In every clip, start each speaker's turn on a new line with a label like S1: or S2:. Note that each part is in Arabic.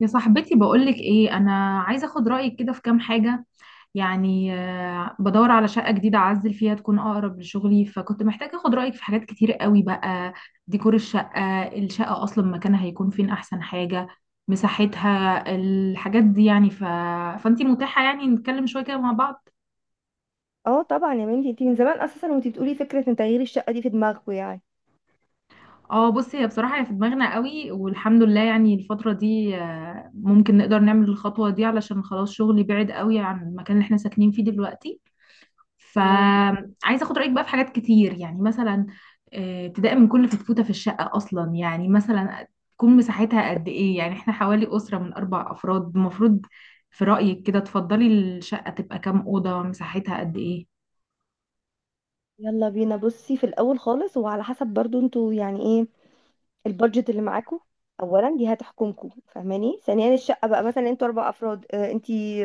S1: يا صاحبتي، بقولك ايه، انا عايزه اخد رايك كده في كام حاجه. يعني بدور على شقه جديده اعزل فيها تكون اقرب لشغلي، فكنت محتاجه اخد رايك في حاجات كتير قوي بقى. ديكور الشقه اصلا، مكانها هيكون فين؟ احسن حاجه مساحتها، الحاجات دي يعني فانتي متاحه يعني نتكلم شويه كده مع بعض.
S2: اه طبعا يا بنتي، انتي من زمان اساسا وانتي بتقولي فكره ان تغيير الشقه دي في دماغكوا يعني.
S1: اه، بصي، هي بصراحه هي في دماغنا قوي والحمد لله، يعني الفتره دي ممكن نقدر نعمل الخطوه دي، علشان خلاص شغلي بعيد قوي عن المكان اللي احنا ساكنين فيه دلوقتي.
S2: مم.
S1: فعايزه اخد رايك بقى في حاجات كتير، يعني مثلا ابتداء من كل فتفوته في الشقه اصلا، يعني مثلا تكون مساحتها قد ايه؟ يعني احنا حوالي اسره من اربع افراد، المفروض في رايك كده تفضلي الشقه تبقى كام اوضه؟ مساحتها قد ايه؟
S2: يلا بينا، بصي في الاول خالص، وعلى حسب برضو انتوا يعني ايه البادجت اللي معاكوا. اولا دي هتحكمكوا، فاهماني؟ ثانيا الشقه بقى مثلا انتوا اربع افراد، اه انتي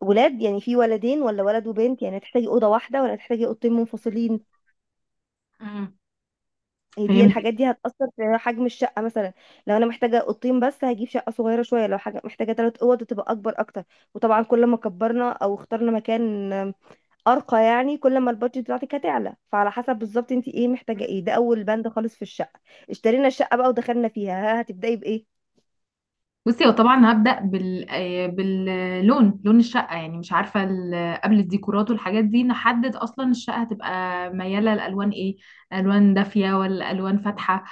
S2: ولاد يعني، في ولدين ولا ولد وبنت؟ يعني هتحتاجي اوضه واحده ولا هتحتاجي اوضتين منفصلين؟
S1: مم.
S2: هي دي
S1: فهمت.
S2: الحاجات دي هتاثر في حجم الشقه مثلا. لو انا محتاجه اوضتين بس هجيب شقه صغيره شويه، لو حاجه محتاجه ثلاث اوض تبقى اكبر اكتر. وطبعا كل ما كبرنا او اخترنا مكان ارقى يعني، كل ما البادجت بتاعتك هتعلى. فعلى حسب بالظبط انت ايه محتاجه ايه، ده اول بند خالص في الشقه. اشترينا الشقه بقى ودخلنا فيها، ها هتبداي بايه؟
S1: بصي، هو طبعا هبدأ باللون، لون الشقة، يعني مش عارفة قبل الديكورات والحاجات دي نحدد أصلا الشقة هتبقى ميالة لألوان إيه؟ ألوان دافية ولا ألوان فاتحة؟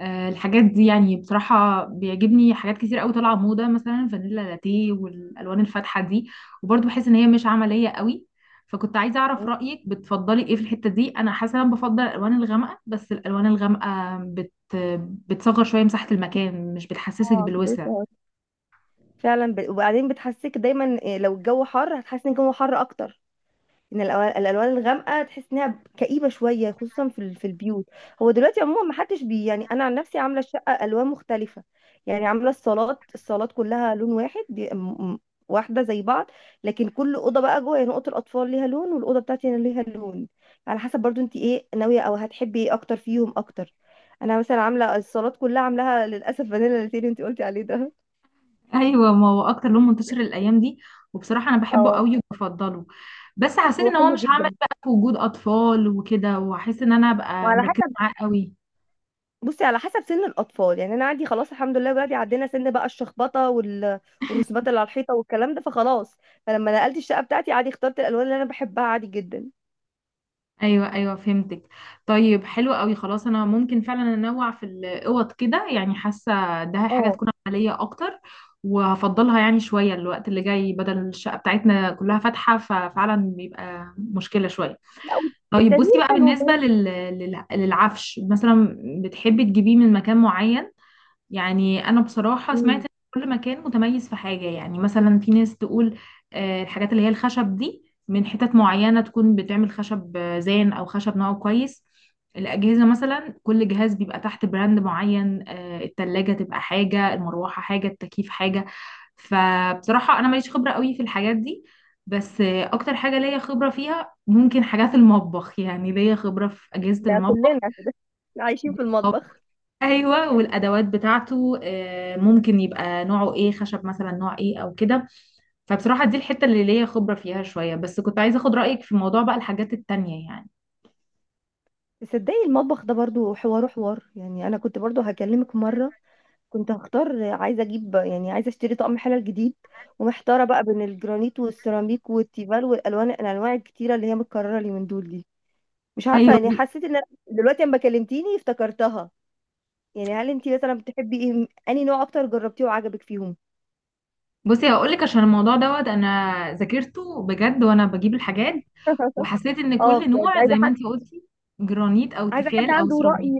S1: الحاجات دي يعني بصراحة بيعجبني حاجات كتير قوي طالعة موضة، مثلا فانيلا لاتيه والألوان الفاتحة دي، وبرضه بحس إن هي مش عملية قوي. فكنت عايزة أعرف رأيك، بتفضلي إيه في الحتة دي؟ أنا حاسة إن أنا بفضل الألوان الغامقة، بس الألوان الغامقة بتصغر شوية مساحة المكان، مش بتحسسك
S2: اه، كنت
S1: بالوسع.
S2: لسه هقول. فعلا، وبعدين بتحسسك دايما إيه، لو الجو حر هتحسي ان الجو حر اكتر، ان الألوان الغامقه تحس انها كئيبه شويه، خصوصا في في البيوت. هو دلوقتي عموما ما حدش بي يعني، انا عن نفسي عامله الشقه الوان مختلفه. يعني عامله الصالات كلها لون واحد، واحده زي بعض. لكن كل اوضه بقى جوه يعني، اوضه الاطفال ليها لون والاوضه بتاعتي انا ليها لون، على حسب برضو انت ايه ناويه او هتحبي ايه اكتر فيهم اكتر. انا مثلا عامله الصالات كلها، عاملاها للاسف فانيلا لاتيه اللي انت قلتي عليه ده.
S1: ايوه، ما هو اكتر لون منتشر الايام دي، وبصراحه انا بحبه
S2: اه.
S1: قوي وبفضله. بس حسيت
S2: هو
S1: ان هو
S2: حلو
S1: مش هعمل
S2: جدا.
S1: بقى في وجود اطفال وكده، وهحس ان انا ابقى
S2: وعلى
S1: مركزه
S2: حسب،
S1: معاه قوي.
S2: بصي على حسب سن الاطفال. يعني انا عندي خلاص الحمد لله ولادي عدينا سن بقى الشخبطه والرسومات اللي على الحيطه والكلام ده، فخلاص. فلما نقلت الشقه بتاعتي عادي اخترت الالوان اللي انا بحبها عادي جدا.
S1: ايوه ايوه، فهمتك. طيب، حلو قوي. خلاص انا ممكن فعلا انوع في الاوض كده، يعني حاسه ده حاجه
S2: اه.
S1: تكون عمليه اكتر. وهفضلها يعني شويه الوقت اللي جاي، بدل الشقه بتاعتنا كلها فاتحه ففعلا بيبقى مشكله شويه.
S2: لا.
S1: طيب، بصي
S2: التغيير
S1: بقى
S2: حلو
S1: بالنسبه
S2: برضه.
S1: للعفش مثلا، بتحبي تجيبيه من مكان معين؟ يعني انا بصراحه سمعت
S2: أمم،
S1: ان كل مكان متميز في حاجه، يعني مثلا في ناس تقول الحاجات اللي هي الخشب دي من حتت معينه تكون بتعمل خشب زان او خشب نوعه كويس. الاجهزه مثلا، كل جهاز بيبقى تحت براند معين، التلاجة تبقى حاجه، المروحه حاجه، التكييف حاجه. فبصراحه انا ماليش خبره قوي في الحاجات دي، بس اكتر حاجه ليا خبره فيها ممكن حاجات المطبخ، يعني ليا خبره في اجهزه
S2: ده
S1: المطبخ.
S2: كلنا كده عايشين في المطبخ.
S1: ايوه، والادوات بتاعته ممكن يبقى نوعه ايه، خشب مثلا نوع ايه او كده. فبصراحه دي الحته اللي ليا خبره فيها شويه، بس كنت عايزه اخد رايك في موضوع بقى الحاجات التانية يعني.
S2: تصدقي المطبخ ده برضو حوار حوار، يعني انا كنت برضو هكلمك مره. كنت هختار، عايزه اجيب يعني عايزه اشتري طقم حلل جديد، ومحتاره بقى بين الجرانيت والسيراميك والتيفال والالوان، الانواع الكتيره اللي هي متكرره اليومين دول دي. مش عارفة
S1: ايوه،
S2: يعني، حسيت ان أنا دلوقتي لما كلمتيني افتكرتها. يعني هل انتي مثلا بتحبي ايه، انهي نوع اكتر جربتيه وعجبك فيهم؟
S1: بصي، هقول لك. عشان الموضوع دوت انا ذاكرته بجد وانا بجيب الحاجات، وحسيت ان
S2: اه
S1: كل
S2: بجد.
S1: نوع زي
S2: عايزة
S1: ما
S2: حد
S1: انتي قلتي، جرانيت او
S2: عايزة حد
S1: تيفال او
S2: عنده
S1: سيراميك.
S2: رأي،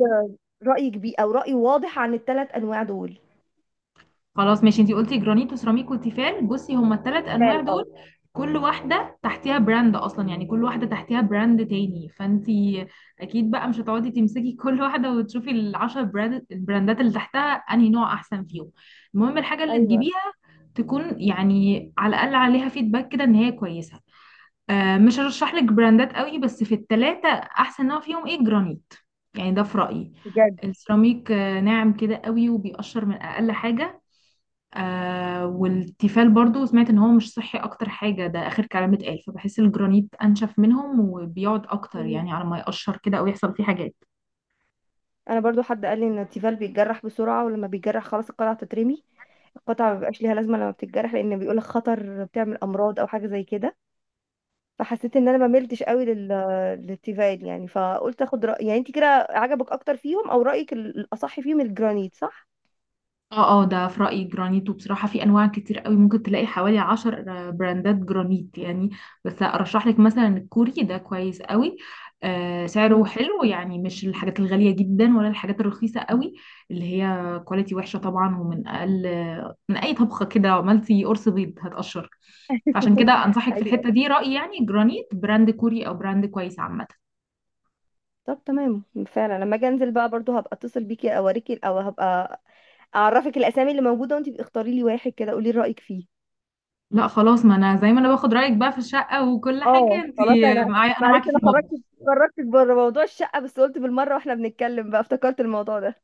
S2: رأي كبير او رأي واضح عن الثلاث انواع دول.
S1: خلاص، ماشي. انتي قلتي جرانيت وسيراميك وتيفال، بصي هما الثلاث
S2: جال
S1: انواع دول.
S2: اه.
S1: كل واحده تحتيها براند اصلا، يعني كل واحده تحتيها براند تاني، فانتي اكيد بقى مش هتقعدي تمسكي كل واحده وتشوفي العشر براند البراندات اللي تحتها انهي نوع احسن فيهم. المهم الحاجه اللي
S2: ايوه.
S1: تجيبيها تكون يعني على الاقل عليها فيدباك كده ان هي كويسه. مش هرشح لك براندات قوي، بس في الثلاثه احسن نوع فيهم ايه؟ جرانيت، يعني ده في رايي.
S2: بجد.
S1: السيراميك ناعم كده قوي وبيقشر من اقل حاجه. والتيفال برضو سمعت ان هو مش صحي، اكتر حاجة ده اخر كلام اتقال. فبحس الجرانيت انشف منهم وبيقعد اكتر،
S2: مم.
S1: يعني على ما يقشر كده او يحصل فيه حاجات.
S2: انا برضو حد قال لي ان التيفال بيتجرح بسرعة، ولما بيتجرح خلاص القطعة تترمي. القطعة ما بيبقاش ليها لازمة لما بتتجرح، لان بيقولك خطر بتعمل امراض او حاجة زي كده. فحسيت ان انا ما ملتش قوي للتيفال يعني. فقلت اخد رأي، يعني انت كده عجبك اكتر فيهم او رأيك الاصح فيهم الجرانيت، صح؟
S1: اه اه، ده في رأيي جرانيت. وبصراحة في انواع كتير قوي، ممكن تلاقي حوالي 10 براندات جرانيت يعني. بس ارشح لك مثلا الكوري، ده كويس قوي. سعره
S2: مم.
S1: حلو، يعني مش الحاجات الغالية جدا ولا الحاجات الرخيصة قوي اللي هي كواليتي وحشة طبعا، ومن اقل من اي طبخة كده عملتي قرص بيض هتقشر. فعشان كده انصحك في
S2: ايوه.
S1: الحتة دي رأيي، يعني جرانيت براند كوري او براند كويس عامة.
S2: طب تمام. فعلا لما اجي انزل بقى برضو هبقى اتصل بيكي اوريكي، او هبقى اعرفك الاسامي اللي موجودة وانت اختاري لي واحد كده قولي رأيك فيه.
S1: لا خلاص، ما انا زي ما انا باخد رأيك بقى في الشقة وكل حاجة،
S2: اه
S1: انت
S2: خلاص. انا
S1: معايا انا
S2: معلش
S1: معاكي في
S2: انا خرجت،
S1: المطبخ.
S2: خرجتك بره موضوع الشقة، بس قلت بالمرة واحنا بنتكلم بقى افتكرت الموضوع ده.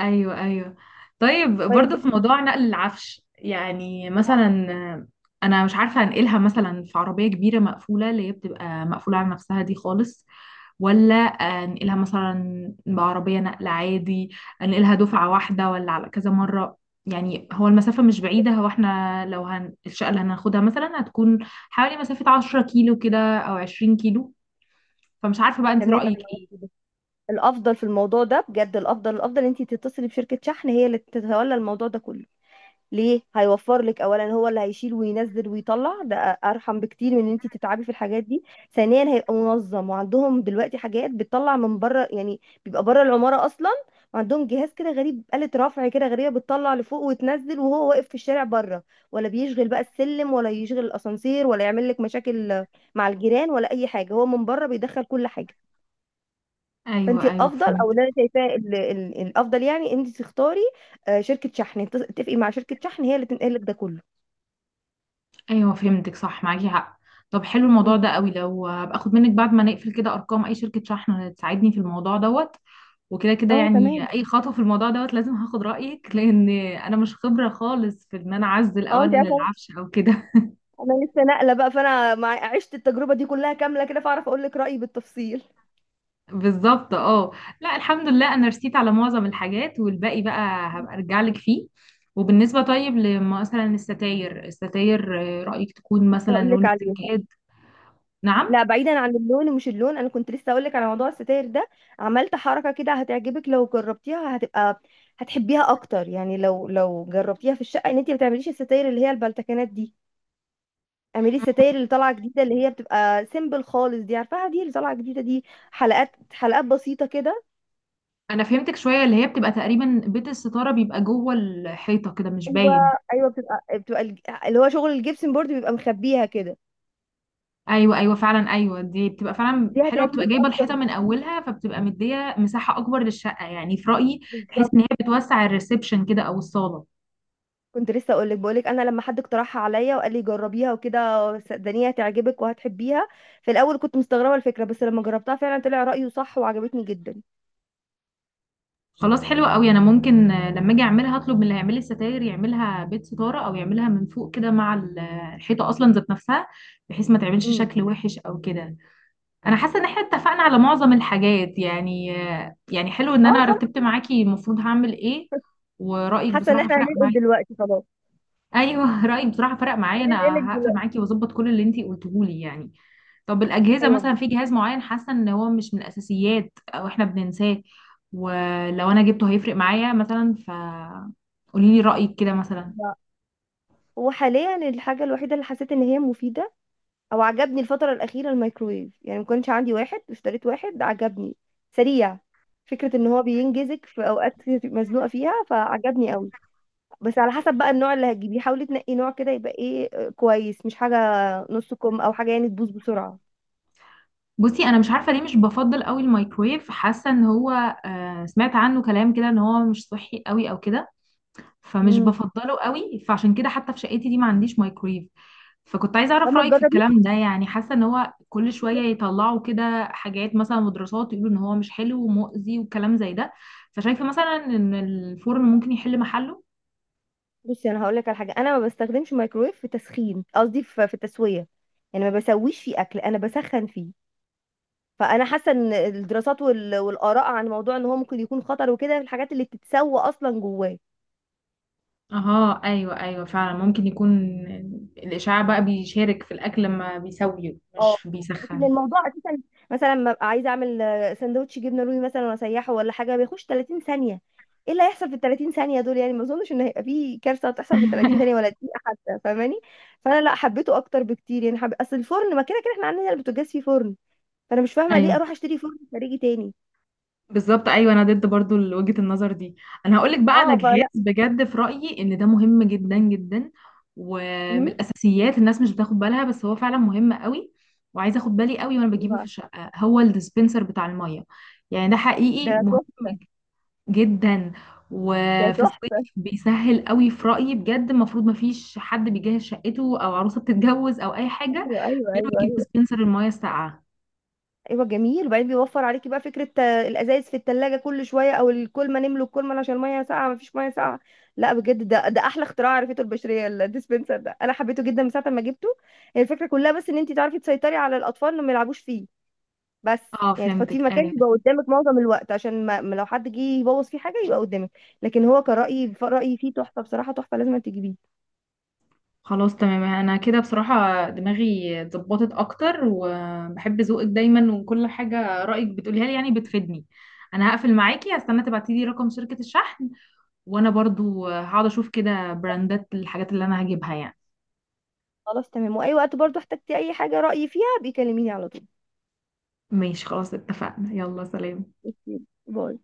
S1: ايوه ايوه. طيب،
S2: طيب.
S1: برضه في موضوع نقل العفش، يعني
S2: آه،
S1: مثلا انا مش عارفه انقلها مثلا في عربيه كبيره مقفوله اللي هي بتبقى مقفوله على نفسها دي خالص، ولا
S2: آه.
S1: انقلها مثلا بعربيه نقل عادي؟ انقلها دفعه واحده ولا على كذا مره؟ يعني هو المسافه مش بعيده، هو احنا لو الشقه اللي هناخدها مثلا هتكون حوالي مسافه 10 كيلو كده او 20 كيلو، فمش عارفه بقى انت
S2: تمام
S1: رايك
S2: أنا
S1: ايه.
S2: معاكي. الافضل في الموضوع ده بجد، الافضل الافضل انت تتصلي بشركه شحن، هي اللي تتولى الموضوع ده كله. ليه؟ هيوفر لك. اولا هو اللي هيشيل وينزل ويطلع ده، ارحم بكتير من ان انت تتعبي في الحاجات دي. ثانيا هيبقى منظم، وعندهم دلوقتي حاجات بتطلع من بره، يعني بيبقى بره العماره اصلا. وعندهم جهاز كده غريب، آلة رفع كده غريبة، بتطلع لفوق وتنزل وهو واقف في الشارع بره. ولا بيشغل بقى السلم ولا يشغل الأسانسير، ولا يعمل لك مشاكل مع الجيران ولا أي حاجة، هو من بره بيدخل كل حاجة. فانت
S1: ايوه ايوه،
S2: الافضل،
S1: فهمت.
S2: او اللي انا شايفاه الافضل يعني، انت تختاري، آه، شركه شحن، تتفقي مع شركه شحن، هي اللي تنقل لك ده كله.
S1: ايوه، فهمتك، صح، معاكي حق. طب حلو الموضوع ده
S2: امم.
S1: قوي، لو هبقى اخد منك بعد ما نقفل كده ارقام اي شركة شحن تساعدني في الموضوع دوت. وكده كده
S2: اه تمام.
S1: يعني اي خطوة في الموضوع دوت لازم هاخد رأيك، لان انا مش خبرة خالص في ان انا اعزل او
S2: اه انت
S1: انقل
S2: عارفه،
S1: العفش او كده.
S2: انا لسه ناقله بقى، فانا عشت التجربه دي كلها كامله كده، فاعرف اقول لك رايي بالتفصيل.
S1: بالظبط، اه. لا، الحمد لله، انا رسيت على معظم الحاجات، والباقي بقى هبقى ارجع لك فيه. وبالنسبة طيب لمثلا الستاير، رأيك تكون مثلا
S2: هقول لك
S1: لون
S2: عليها.
S1: السجاد؟ نعم.
S2: لا، بعيدا عن اللون ومش اللون، انا كنت لسه اقول لك على موضوع الستاير ده. عملت حركه كده هتعجبك لو جربتيها، هتبقى هتحبيها اكتر. يعني لو جربتيها في الشقه، ان انت ما تعمليش الستاير اللي هي البلتكنات دي، اعملي الستاير اللي طالعه جديده، اللي هي بتبقى سيمبل خالص دي، عارفاها؟ دي اللي طالعه جديده دي. حلقات حلقات بسيطه كده.
S1: انا فهمتك شويه، اللي هي بتبقى تقريبا بيت الستاره بيبقى جوه الحيطه كده مش
S2: ايوه،
S1: باين.
S2: ايوه. بتبقى اللي هو شغل الجبسن بورد بيبقى مخبيها كده.
S1: ايوه ايوه، فعلا، ايوه دي بتبقى فعلا
S2: دي
S1: حلوه، بتبقى
S2: هتعجبك
S1: جايبه
S2: اكتر.
S1: الحيطه من اولها فبتبقى مديه مساحه اكبر للشقه يعني في رايي. تحس
S2: بالظبط.
S1: ان هي بتوسع الريسبشن كده او الصاله.
S2: كنت لسه اقول لك، بقول لك انا لما حد اقترحها عليا وقال لي جربيها وكده، صدقني هتعجبك وهتحبيها. في الاول كنت مستغربه الفكره، بس لما جربتها فعلا طلع رايه صح وعجبتني جدا.
S1: خلاص، حلوه قوي. انا ممكن لما اجي اعملها هطلب من اللي هيعمل لي الستاير يعملها بيت ستاره، او يعملها من فوق كده مع الحيطه اصلا ذات نفسها، بحيث ما تعملش
S2: امم.
S1: شكل وحش او كده. انا حاسه ان احنا اتفقنا على معظم الحاجات، يعني يعني حلو ان
S2: اه
S1: انا
S2: خلاص.
S1: رتبت معاكي المفروض هعمل ايه. ورايك
S2: حاسه ان
S1: بصراحه
S2: احنا
S1: فرق
S2: هننقل
S1: معايا.
S2: دلوقتي خلاص.
S1: ايوه رايك بصراحه فرق معايا،
S2: هننقلك
S1: انا هقفل
S2: دلوقتي.
S1: معاكي واظبط كل اللي انتي قلتيه لي يعني. طب الاجهزه،
S2: ايوه
S1: مثلا في جهاز معين حاسه ان هو مش من الاساسيات او احنا بننساه، ولو انا جبته هيفرق معايا مثلا، قولي لي رايك كده مثلا.
S2: بجد. وحاليا الحاجة الوحيدة اللي حسيت ان هي مفيدة او عجبني الفترة الأخيرة الميكرويف، يعني ما كانش عندي واحد، اشتريت واحد عجبني. سريع. فكرة ان هو بينجزك في اوقات كتير تبقي مزنوقة فيها، فعجبني قوي. بس على حسب بقى النوع اللي هتجيبيه، حاولي تنقي نوع كده يبقى ايه، آه، كويس، مش حاجة نص كم او حاجة يعني تبوظ بسرعة.
S1: بصي، انا مش عارفه ليه مش بفضل قوي الميكرويف، حاسه ان هو سمعت عنه كلام كده ان هو مش صحي قوي او كده، فمش
S2: امم.
S1: بفضله قوي. فعشان كده حتى في شقتي دي ما عنديش مايكرويف. فكنت عايزه اعرف
S2: لما
S1: رايك في
S2: تجربي،
S1: الكلام ده، يعني حاسه ان هو كل شويه يطلعوا كده حاجات مثلا ودراسات، يقولوا ان هو مش حلو ومؤذي وكلام زي ده. فشايفه مثلا ان الفرن ممكن يحل محله.
S2: بصي انا هقول لك على حاجة، انا ما بستخدمش مايكرويف في تسخين، قصدي في التسوية. يعني ما بسويش فيه اكل، انا بسخن فيه. فانا حاسه ان الدراسات والاراء عن موضوع ان هو ممكن يكون خطر وكده في الحاجات اللي بتتسوى اصلا جواه.
S1: اها ايوه ايوه، فعلا ممكن يكون الاشعاع بقى بيشارك في الاكل لما بيسويه،
S2: اه،
S1: مش
S2: لكن
S1: بيسخن.
S2: الموضوع اساسا، مثلا ما ابقى عايزه اعمل، آه، سندوتش جبنه رومي مثلا واسيحه ولا حاجه، بيخش 30 ثانيه. ايه اللي هيحصل في ال 30 ثانيه دول يعني؟ ما اظنش ان هيبقى في كارثه هتحصل في ال 30 ثانيه ولا دقيقه حتى، فاهماني؟ فانا لا، حبيته اكتر بكتير يعني. اصل الفرن ما كده كده احنا عندنا البوتاجاز فيه فرن، فانا مش فاهمه
S1: ايوه
S2: ليه اروح اشتري فرن خارجي تاني.
S1: بالظبط، ايوه انا ضد برضو وجهة النظر دي. انا هقولك بقى على
S2: اه،
S1: جهاز
S2: فلا.
S1: بجد في رأيي ان ده مهم جدا جدا، ومن
S2: امم.
S1: الاساسيات الناس مش بتاخد بالها، بس هو فعلا مهم قوي، وعايزه اخد بالي قوي وانا
S2: إيه
S1: بجيبه في
S2: بقى؟
S1: الشقه، هو الديسبنسر بتاع الميه. يعني ده حقيقي
S2: ده
S1: مهم
S2: تحفه.
S1: جدا.
S2: ده
S1: وفي
S2: تحفه.
S1: الصيف بيسهل قوي في رأيي بجد، المفروض ما فيش حد بيجهز شقته او عروسه بتتجوز او اي حاجه
S2: ايوه،
S1: غير ما
S2: ايوه،
S1: يجيب
S2: ايوه،
S1: ديسبنسر الميه الساقعه.
S2: ايوه، جميل. وبعدين بيوفر عليكي بقى فكره، آه، الازايز في التلاجة كل شويه، او الكولمه، نملوا الكولمه عشان الميه ساقعه مفيش ميه ساقعه. لا بجد، ده احلى اختراع عرفته البشريه، الديسبنسر ده انا حبيته جدا من ساعه ما جبته. هي الفكره كلها بس ان انت تعرفي تسيطري على الاطفال انهم ما يلعبوش فيه بس.
S1: اه
S2: يعني
S1: فهمتك،
S2: تحطيه مكان
S1: ايوه.
S2: يبقى قدامك معظم الوقت، عشان ما لو حد جه يبوظ فيه حاجه يبقى قدامك. لكن هو كرأيي، رأيي فيه تحفه بصراحه، تحفه لازم تجيبيه.
S1: خلاص، تمام. انا كده بصراحة دماغي اتظبطت اكتر، وبحب ذوقك دايما وكل حاجة رأيك بتقوليها لي يعني بتفيدني. انا هقفل معاكي، هستنى تبعتي لي رقم شركة الشحن، وانا برضو هقعد اشوف كده براندات الحاجات اللي انا هجيبها يعني.
S2: خلاص تمام. واي وقت برضو احتجتي اي حاجه رأيي فيها، بيكلميني على طول.
S1: ماشي، خلاص اتفقنا. يلا سلام.
S2: اوكي. باي.